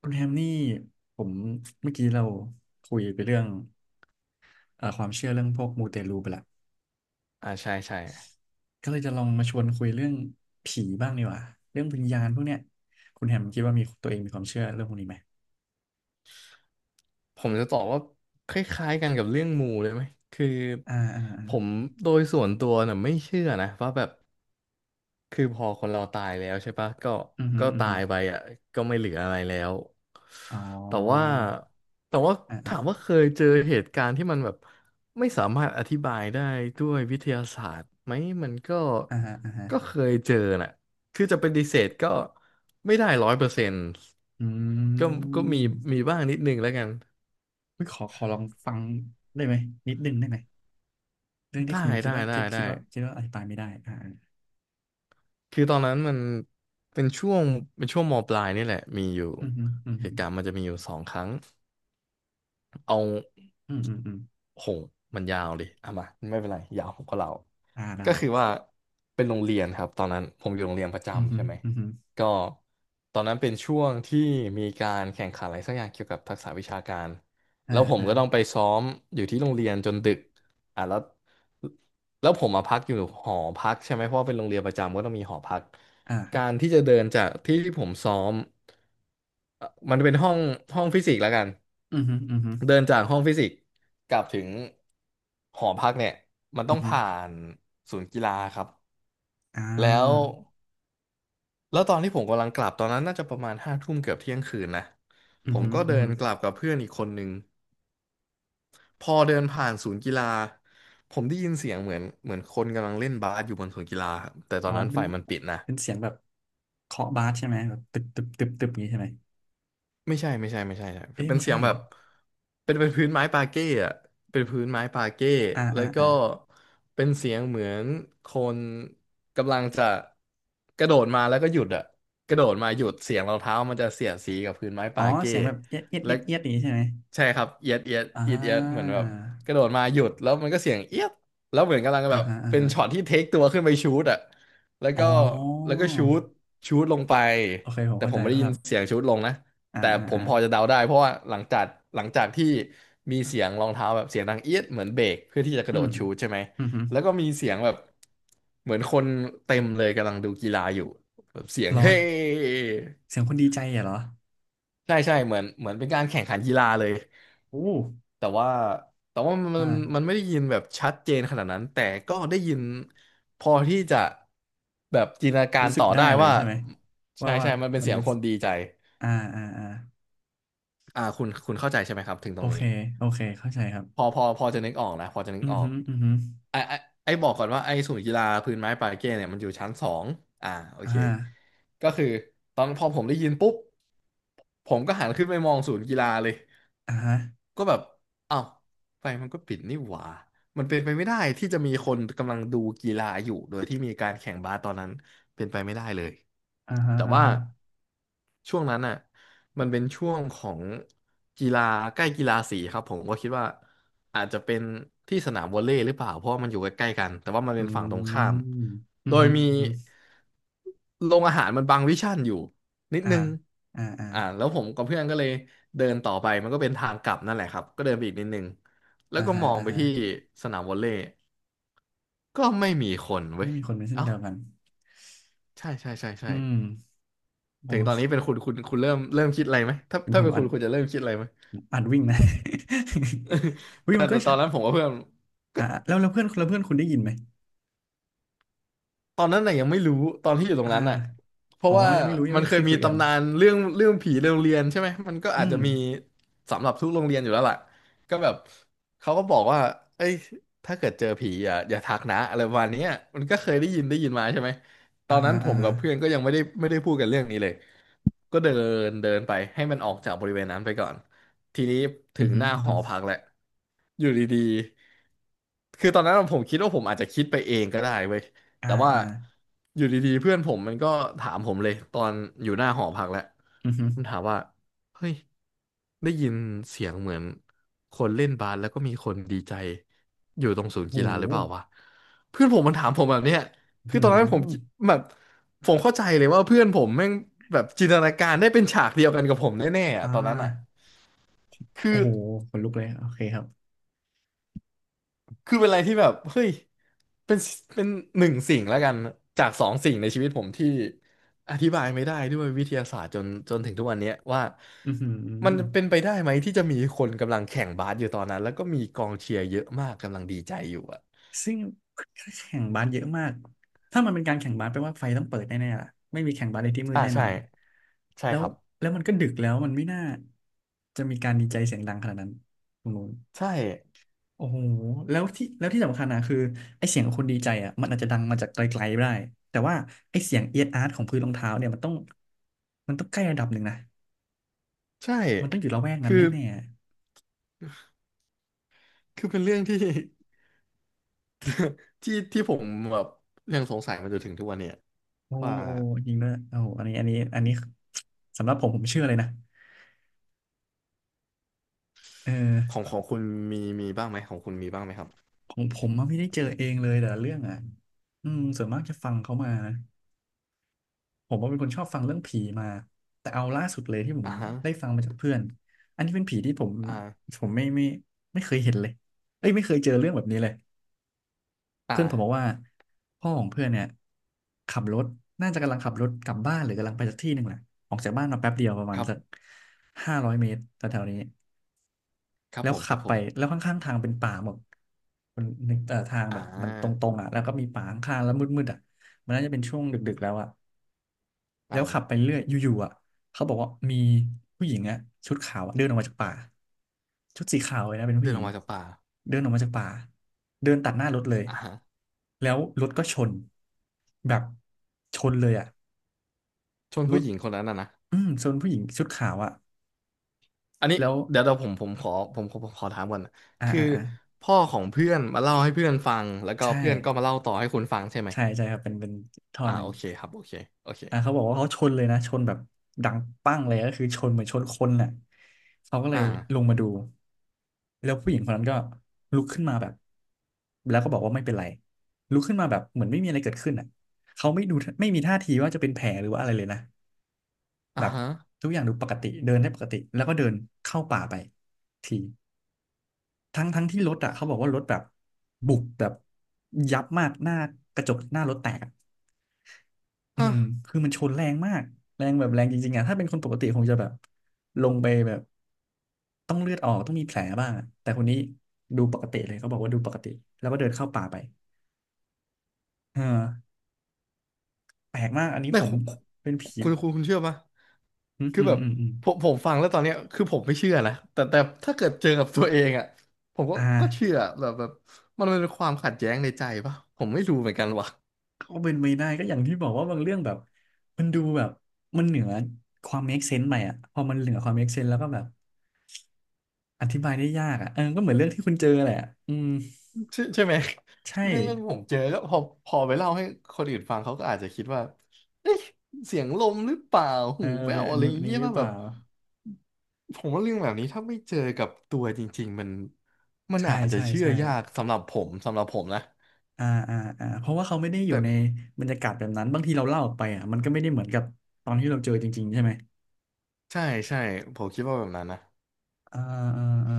คุณแฮมนี่ผมเมื่อกี้เราคุยไปเรื่องความเชื่อเรื่องพวกมูเตลูไปละอ่าใช่ใช่ก็เลยจะลองมาชวนคุยเรื่องผีบ้างดีกว่าเรื่องวิญญาณพวกเนี้ยคุณแฮมคิดว่ามีตัวเองมีความเชื่อเรื่องพวกนี้ไหมผมจะตอบว่าคล้ายๆกันกับเรื่องมูเลยไหมคืออ่าอ่าอ่าผมโดยส่วนตัวน่ะไม่เชื่อนะว่าแบบคือพอคนเราตายแล้วใช่ปะก็อือฮึก็อือตาฮึยไปอ่ะก็ไม่เหลืออะไรแล้วอ๋แต่ว่าอแต่ว่าอ่าอ่าถามว่าเคยเจอเหตุการณ์ที่มันแบบไม่สามารถอธิบายได้ด้วยวิทยาศาสตร์ไหมมันก็อ่าฮะอ่าฮะก็เคยเจอน่ะคือจะปฏิเสธก็ไม่ได้100%อืก็ก็มีมมีบ้างนิดนึงแล้วกัน เฮ้ยขอลองฟังได้ไหมนิดนึงได้ไหมเรื่องที่ได้คุณคิดได้ว่าได้ทิปได้คิดว่าอธิบายไม่ได้อ่าอาคือตอนนั้นมันเป็นช่วงเป็นช่วงมปลายนี่แหละมีอยู่อือฮึอือเหฮึตุการณ์มันจะมีอยู่สองครั้ง เอาอืมอืมอืมโหงมันยาวดิเอามาไม่เป็นไรยาวผมก็เล่าอ่าได้ก็คือว่าเป็นโรงเรียนครับตอนนั้นผมอยู่โรงเรียนประอือจำฮึใช่ไหมอือฮึก็ตอนนั้นเป็นช่วงที่มีการแข่งขันอะไรสักอย่างเกี่ยวกับทักษะวิชาการอ่าแล้วผมอ่าก็ต้องไปซ้อมอยู่ที่โรงเรียนจนดึกอ่ะแล้วแล้วผมมาพักอยู่หอพักใช่ไหมเพราะว่าเป็นโรงเรียนประจำก็ต้องมีหอพักอ่าครัการบ ที่จะเดินจากที่ที่ผมซ้อมมันเป็นห้องฟิสิกส์แล้วกัน อือฮึอือฮึเดินจากห้องฟิสิกส์กลับถึงหอพักเนี่ยมันอืต้อองฮึผ่านศูนย์กีฬาครับอ่แล้วาแล้วตอนที่ผมกำลังกลับตอนนั้นน่าจะประมาณห้าทุ่มเกือบเที่ยงคืนนะอืผอมฮึก็อืเดิอฮึนกลับกับเพื่อนอีกคนนึงพอเดินผ่านศูนย์กีฬาผมได้ยินเสียงเหมือนคนกำลังเล่นบาสอยู่บนศูนย์กีฬาครับแต่ตออ๋อนนั้นไฟมันปิดนะ เป็นเสียงแบบเคาะบาสใช่ไหมแบบตึบตึบตึบตึบอย่างนี้ใช่ไหมไม่ใช่ไม่ใช่ไม่ใช่ใช่เอ้ยเป็นไม่เสียใช่งแบบเป็นพื้นไม้ปาเก้อะเป็นพื้นไม้ปาเก้อ่าแล้อ่าวก็อ่าเป็นเสียงเหมือนคนกำลังจะกระโดดมาแล้วก็หยุดอะกระโดดมาหยุดเสียงรองเท้ามันจะเสียดสีกับพื้นไม้อ๋อปาเก้เสียงแบบเอียดเอียดและเอียดเอียดอย่างนี้ใช่ไหมใช่ครับเอียดเอียดอ่เอียดเอียดเหมือนาแบบกระโดดมาหยุดแล้วมันก็เสียงเอียดแล้วเหมือนกำลังอ่าแบบฮะอ่าเป็นฮะช็อตที่เทคตัวขึ้นไปชูตอะแล้วอ๋ก็อแล้วก็ชูตลงไปโอเคผมแต่เข้าผใจมไม่คได้รัยินบเสียงชูตลงนะ อ่าแต่อ่าผมอ่าพอจะเดาได้เพราะว่าหลังจากที่มีเสียงรองเท้าแบบเสียงดังเอี๊ยดเหมือนเบรกเพื่อที่จะกระอืโดมดชูตใช่ไหมอือฮึแล้วก็มีเสียงแบบเหมือนคนเต็มเลยกำลังดูกีฬาอยู่แบบเสียงเหรอ เฮ้เสียงคนดีใจอะเหรอใช่ใช่เหมือนเป็นการแข่งขันกีฬาเลยโอ้แต่ว่าแต่ว่ามันมันอ่ามันไม่ได้ยินแบบชัดเจนขนาดนั้นแต่ก็ได้ยินพอที่จะแบบจินตนาการรู้สึกต่อได้ได้เลยว่าใช่ไหมใช่ว่าว่าใช่มันเป็นมันเสียงเป็นคนดีใจอ่าอ่าอ่าคุณเข้าใจใช่ไหมครับถึงตโอรงเคนี้ โอเคเข้าใจครัพอบ พอพอจะนึกออกนะพอจะนึอืกอออกฮึอือฮึไอไอไอบอกก่อนว่าไอศูนย์กีฬาพื้นไม้ปาเก้เนี่ยมันอยู่ชั้นสองอ่าโออ่เคาก็คือตอนพอผมได้ยินปุ๊บผมก็หันขึ้นไปมองศูนย์กีฬาเลย อ่าฮะก็แบบอ้าวไฟมันก็ปิดนี่หว่ามันเป็นไปไม่ได้ที่จะมีคนกำลังดูกีฬาอยู่โดยที่มีการแข่งบาสตอนนั้นเป็นไปไม่ได้เลย อ่าฮะแต่อ่าว่าฮะช่วงนั้นน่ะ มันเป็นช่วงของกีฬาใกล้กีฬาสีครับผมก็คิดว่าอาจจะเป็นที่สนามวอลเลย์หรือเปล่าเพราะว่ามันอยู่ใกล้ๆกันแต่ว่ามันอืเป็นฝั่งตรงข้าม ม อืโดอยฮึมีอือฮึโรงอาหารมันบังวิชั่นอยู่ นิดอ่านึงอ่าอ่าแล้วผมกับเพื่อนก็เลยเดินต่อไปมันก็เป็นทางกลับนั่นแหละครับก็เดินไปอีกนิดนึง แล้วอ่าก็ฮะมองอ่าไปฮะที่สนามวอลเลย์ก็ไม่มีคนเว้ไม่ย มีคนเป็นเส้นเอ้าเดียวกัน ใช่ใช่ใช่ใช่อืมโอถึงตอนนี้เป็นเคคุณคุณเริ่มคิดอะไรไหมถ้าเป็นผถ้ามเป็นคุอ่านณคุณจะเริ่มคิดอะไรไหมอ่านวิ่งนะ วิ่แต่งมันก็แต่ตใช่อนนั้นผมกับเพื่อน อ่าแล้วแล้วเพื่อนคุณได้ยินไหมตอนนั้นน่ะยังไม่รู้ตอนที่อยู่ตรอ่างนั้นน่ะเพอ๋ราะอว่ายังไม่รู้ยังมันไม่เคเคยยมีคุยกันตำนานเรื่องผีในโรงเรียนใช่ไหมมันก็อาอืจมจะมีสำหรับทุกโรงเรียนอยู่แล้วล่ะก็แบบเขาก็บอกว่าเอ้ยถ้าเกิดเจอผีอย่าทักนะอะไรประมาณเนี้ยมันก็เคยได้ยินมาใช่ไหมตอ่าอนนั้ฮะนผอ่ามฮะกับเพื่อนก็ยังไม่ได้พูดกันเรื่องนี้เลยก็เดินเดินไปให้มันออกจากบริเวณนั้นไปก่อนทีนี้ถึอืองฮึหน้าอือหฮึอพักแหละอยู่ดีๆคือตอนนั้นผมคิดว่าผมอาจจะคิดไปเองก็ได้เว้ย อ่าแต่ว่าอ่าอยู่ดีๆเพื่อนผมมันก็ถามผมเลยตอนอยู่หน้าหอพักแหละอือฮึมันถามว่าเฮ้ยได้ยินเสียงเหมือนคนเล่นบาสแล้วก็มีคนดีใจอยู่ตรงศูนโย์กีฬาหรือเปล่าหวะเพื่อนผมมันถามผมแบบเนี้ยอือคือหือตอนนั้นผมแบบผมเข้าใจเลยว่าเพื่อนผมแม่งแบบจินตนาการได้เป็นฉากเดียวกันกับผมแน่ๆอ่อะตอนนั้นอ่ะาคืโอ้อ โหขนลุกเลย โอเคครับ คือเป็นอะไรที่แบบเฮ้ยเป็นเป็นหนึ่งสิ่งแล้วกันจากสองสิ่งในชีวิตผมที่อธิบายไม่ได้ด้วยวิทยาศาสตร์จนถึงทุกวันเนี้ยว่าอือหือ มันเป็นไปได้ไหมที่จะมีคนกำลังแข่งบาสอยู่ตอนนั้นแล้วก็มีกองเชียร์เยอะมากกำลังดีใจอยู่อะซึ่งแข่งบาสเยอะมาก ถ้ามันเป็นการแข่งบาสแปลว่าไฟต้องเปิดแน่ๆล่ะไม่มีแข่งบาสในที่มืดอ่าแน่นใช่อนใช่แล้ควรับแล้วมันก็ดึกแล้วมันไม่น่าจะมีการดีใจเสียงดังขนาดนั้นตรงนู้นใช่โอ้โหแล้วที่สำคัญนะคือไอเสียงของคนดีใจอ่ะมันอาจจะดังมาจากไกลๆก็ได้แต่ว่าไอเสียงเอียดอาร์ตของพื้นรองเท้าเนี่ยมันต้องใกล้ระดับหนึ่งนะใช่มันต้องอยู่ละแวกนั้นคือแน่คือเป็นเรื่องที่ ที่ที่ผมแบบยังสงสัยมาจนถึงทุกวันเนี่ยๆโอ้ว่าโอ้จริงด้วยโอ้โหอันนี้อันนี้สำหรับผมผมเชื่อเลยนะเอของอ ของคุณมีบ้างไหมของคุณมีบ้างไหมครับของผมอะไม่ได้เจอเองเลยแต่ละเรื่องอ่ะ อืมส่วนมากจะฟังเขามานะผมว่าเป็นคนชอบฟังเรื่องผีมาแต่เอาล่าสุดเลยที่ผมอ่าฮะได้ฟังมาจากเพื่อนอันนี้เป็นผีที่ผมอ่าผมไม่เคยเห็นเลยเอ้ยไม่เคยเจอเรื่องแบบนี้เลยเพื่อนผมบอกอ่า ว่าพ่อของเพื่อนเนี่ยขับรถน่าจะกำลังขับรถกลับบ้านหรือกำลังไปสักที่หนึ่งแหละออกจากบ้านมาแป๊บเดียวประมาคณรัสักบ 500 เมตรแถวๆนี้ ครับแล้วผมคขัรับบผไปมแล้วข้างๆทางเป็นป่าหมดมันนึกทางอ่แบบมันตรางๆอ่ะแล้วก็มีป่าข้างๆแล้วมืดๆอ่ะมันน่าจะเป็นช่วงดึกๆแล้วอ่ะแล้วขับไปอ่าเรื่อยอยู่ๆอ่ะเขาบอกว่ามีผู้หญิงอ่ะชุดขาวอะเดินออกมาจากป่าชุดสีขาวเลยนะเป็นผู้เดิหนญิอองกมาจากป่าเดินออกมาจากป่าเดินตัดหน้ารถเลยอ่าฮะแล้วรถก็ชนแบบชนเลยอ่ะชนรผู้ถหญิงคนนั้นนะนะอืมชนผู้หญิงชุดขาวอ่ะอันนี้แล้วเดี๋ยวเราผมผมขอผมผมผมขอถามก่อนนะอ่าคืออ่าอ่าพ่อของเพื่อนมาเล่าให้เพื่อนฟังแล้วก็ใช่เพื่อนก็มาเล่าต่อให้คุณฟังใช่ไหมใช่ครับเป็นเป็นท่ออ่าหนึ่โอง เคครับโอเคโอเคอ่ะเขาบอกว่าเขาชนเลยนะชนแบบดังปั้งเลยก็คือชนเหมือนชนคนน่ะเขาก็เลอ่ายลงมาดูแล้วผู้หญิงคนนั้นก็ลุกขึ้นมาแบบแล้วก็บอกว่าไม่เป็นไรลุกขึ้นมาแบบเหมือนไม่มีอะไรเกิดขึ้นอ่ะเขาไม่ดูไม่มีท่าทีว่าจะเป็นแผลหรือว่าอะไรเลยนะอ่าแบบฮะทุกอย่างดูปกติเดินได้ปกติแล้วก็เดินเข้าป่าไปทีทั้งที่รถอ่ะเขาบอกว่ารถแบบบุบแบบยับมากหน้ากระจกหน้ารถแตกอะ อืฮะ มคือมันชนแรงมากแรงแบบแรงจริงๆอะถ้าเป็นคนปกติคงจะแบบลงไปแบบต้องเลือดออกต้องมีแผลบ้างอะแต่คนนี้ดูปกติเลยเขาบอกว่าดูปกติแล้วก็เดินเข้าป่าไปเออแปลกมาก อันนี้ไม่ผมคุณเป็นผีเชื่อปะอืมคืออืมแบบอืมอืมผมฟังแล้วตอนเนี้ยคือผมไม่เชื่อนะแต่ถ้าเกิดเจอกับตัวเองอ่ะผมก็อ่าก็เชื่อแบบมันเป็นความขัดแย้งในใจปะผมไม่รู้เหมือนกันว่ะก็เป็นไปได้ก็อย่างที่บอกว่าบางเรื่องแบบมันดูแบบมันเหนือความ make sense ไปอ่ะพอมันเหนือความ make sense แล้วก็แบบอธิบายได้ยากอ่ะเออก็เหมือนเรื่องที่คุณเจอแหละอืมใช่ใช่ไหมใช่เรื่องที่ผมเจอก็พอไปเล่าให้คนอื่นฟังเขาก็อาจจะคิดว่าเอ๊ะเสียงลมหรือเปล่าเอหูอแว่เป็นวอนอะไรนูอนย่างนี้เงี้ยหรือป่ะเปแบบล่า ผมว่าเรื่องแบบนี้ถ้าไม่เจอกับตัวจริงๆมันใช่อาจจะใช่เชื่อใช่ยากสำหรับผมสำหรับผมนะอ่าอ่าอ่าเพราะว่าเขาไม่ได้อยู่แต่ ในบรรยากาศแบบนั้นบางทีเราเล่าออกไปอ่ะมันก็ไม่ได้เหมือนกับตอนที่เราเจอจริงๆใช่ไหมใช่ใช่ผมคิดว่าแบบนั้นนะอ่าอ่าอ่า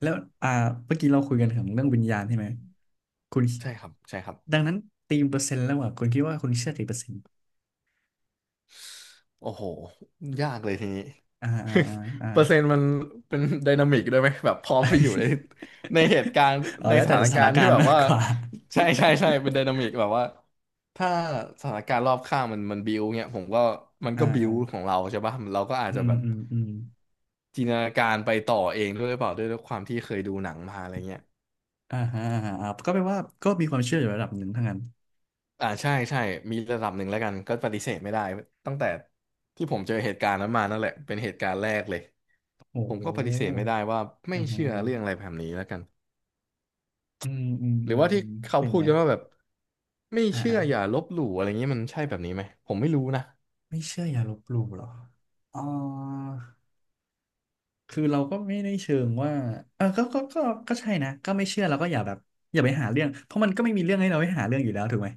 แล้วอ่าเมื่อกี้เราคุยกันถึงเรื่องวิญญาณใช่ไหมคุณใช่ครับใช่ครับดังนั้นตีมเปอร์เซ็นต์แล้วอ่ะคุณคิดว่าคุณเชื่อกี่เปอร์เซ็นต์โอ้โหยากเลยทีนี้ อ่าอ่า อ่าอ่า เปอร์เซ็นต์มันเป็นไดนามิกด้วยไหมแบบพร้อมไปอยู่ใน ในเหตุการณ์ อ๋อในแล้วสแต่ถานสถากานรณ์กาที่รแบณ์บมากว่ากว่า ใช่ใช่ใช่เป็นไดนามิกแบบว่าถ้าสถานการณ์รอบข้างมันบิวเงี้ยผมก็มัน อ่าก็บิอ่าวของเราใช่ป่ะเราก็อาจอืจะมแบบอืมอืมจินตนาการไปต่อเองด้วยหรือเปล่าด้วยความที่เคยดูหนังมาอะไรเงี้ย อ่าฮะอ่าฮะอ่าก็แปลว่าก็มีความเชื่ออยู่ระดับหนึ่งทั้งนั้นอ่าใช่ใช่มีระดับหนึ่งแล้วกันก็ปฏิเสธไม่ได้ตั้งแต่ที่ผมเจอเหตุการณ์นั้นมานั่นแหละเป็นเหตุการณ์แรกเลยโอ้ผโมก็ปฏิเสธไม่หได้ว่าไม่อ่าฮะ เชื่อเรื่องอะไรแบบนี้แล้วกันอืมอืมหอืรือมว่าอืที่มเขาตึงพูดนะกันว่าแบบไม่อ่าเชื่อ่าออย่าลบหลู่อะไรเงี้ยมันใช่แบบนี้ไหมผมไม่รู้นะไม่เชื่ออย่าลบหลู่เหรออ๋อคือเราก็ไม่ได้เชิงว่าเออก็ก็ใช่นะก็ไม่เชื่อเราก็อย่าแบบอย่าไปหาเรื่องเพราะมันก็ไม่มีเรื่องให้เราไปหาเรื่องอยู่แล้วถูกไหม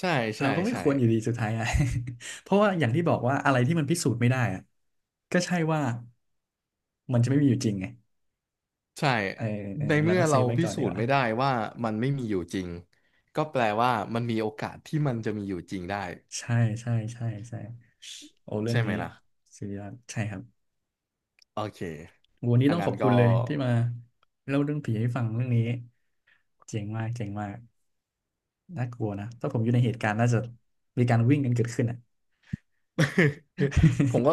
ใช่เราใช่ก็ไม่ใช่ควรอยู่ดีสุดท้ายอะ เพราะว่าอย่างที่บอกว่าอะไรที่มันพิสูจน์ไม่ได้อะก็ใช่ว่ามันจะไม่มีอยู่จริงไงใช่เออเออในเราเมื่อก็เซเราฟไว้พิก่อนสูดีกจน์ว่าไม่ได้ว่ามันไม่มีอยู่จริงก็แปลว่ามันมีโอกาสที่มันจะมีอยู่จริงได้ใช่ใช่ใช่โอ้เรื่องใช่ไหมนี้ล่ะสุดยอดใช่ครับ โอเคโหวันนี้ถ้าต้องขงั้อนบคุก็ ณเลยที่มาเล่าเรื่องผีให้ฟังเรื่องนี้เจ๋งมากเจ๋งมากน่ากลัวนะถ้าผมอยู่ในเหตุการณ์น่าจะมีการวิ่งกันเกิดขึ้นอ่ะ คือผมก็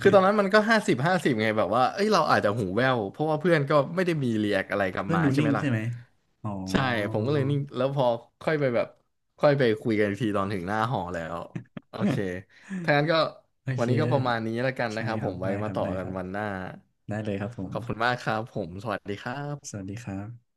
คือตอนนั้นมัน ก็50/50ไงแบบว่าเอ้ยเราอาจจะหูแว่วเพราะว่าเพื่อนก็ไม่ได้มีรีแอคอะไรกลับเพื่อนมาดูใช่นิ่ไหมงล่ะใช่ไหมอ๋อ ใช่ผมก็เลยนิ่งแล้วพอค่อยไปแบบค่อยไปคุยกันอีกทีตอนถึงหน้าหอแล้วโอเคถ้างั้นก็ โอวัเคนนี้ก็ประมาณนี้แล้วกันนะใช่ครับคผรับมไว้ได้คมารับต่อได้กัคนรับวันหน้าได้เลยครับผมขอบคุณมากครับผมสวัสดีครัสบวัสดีครับ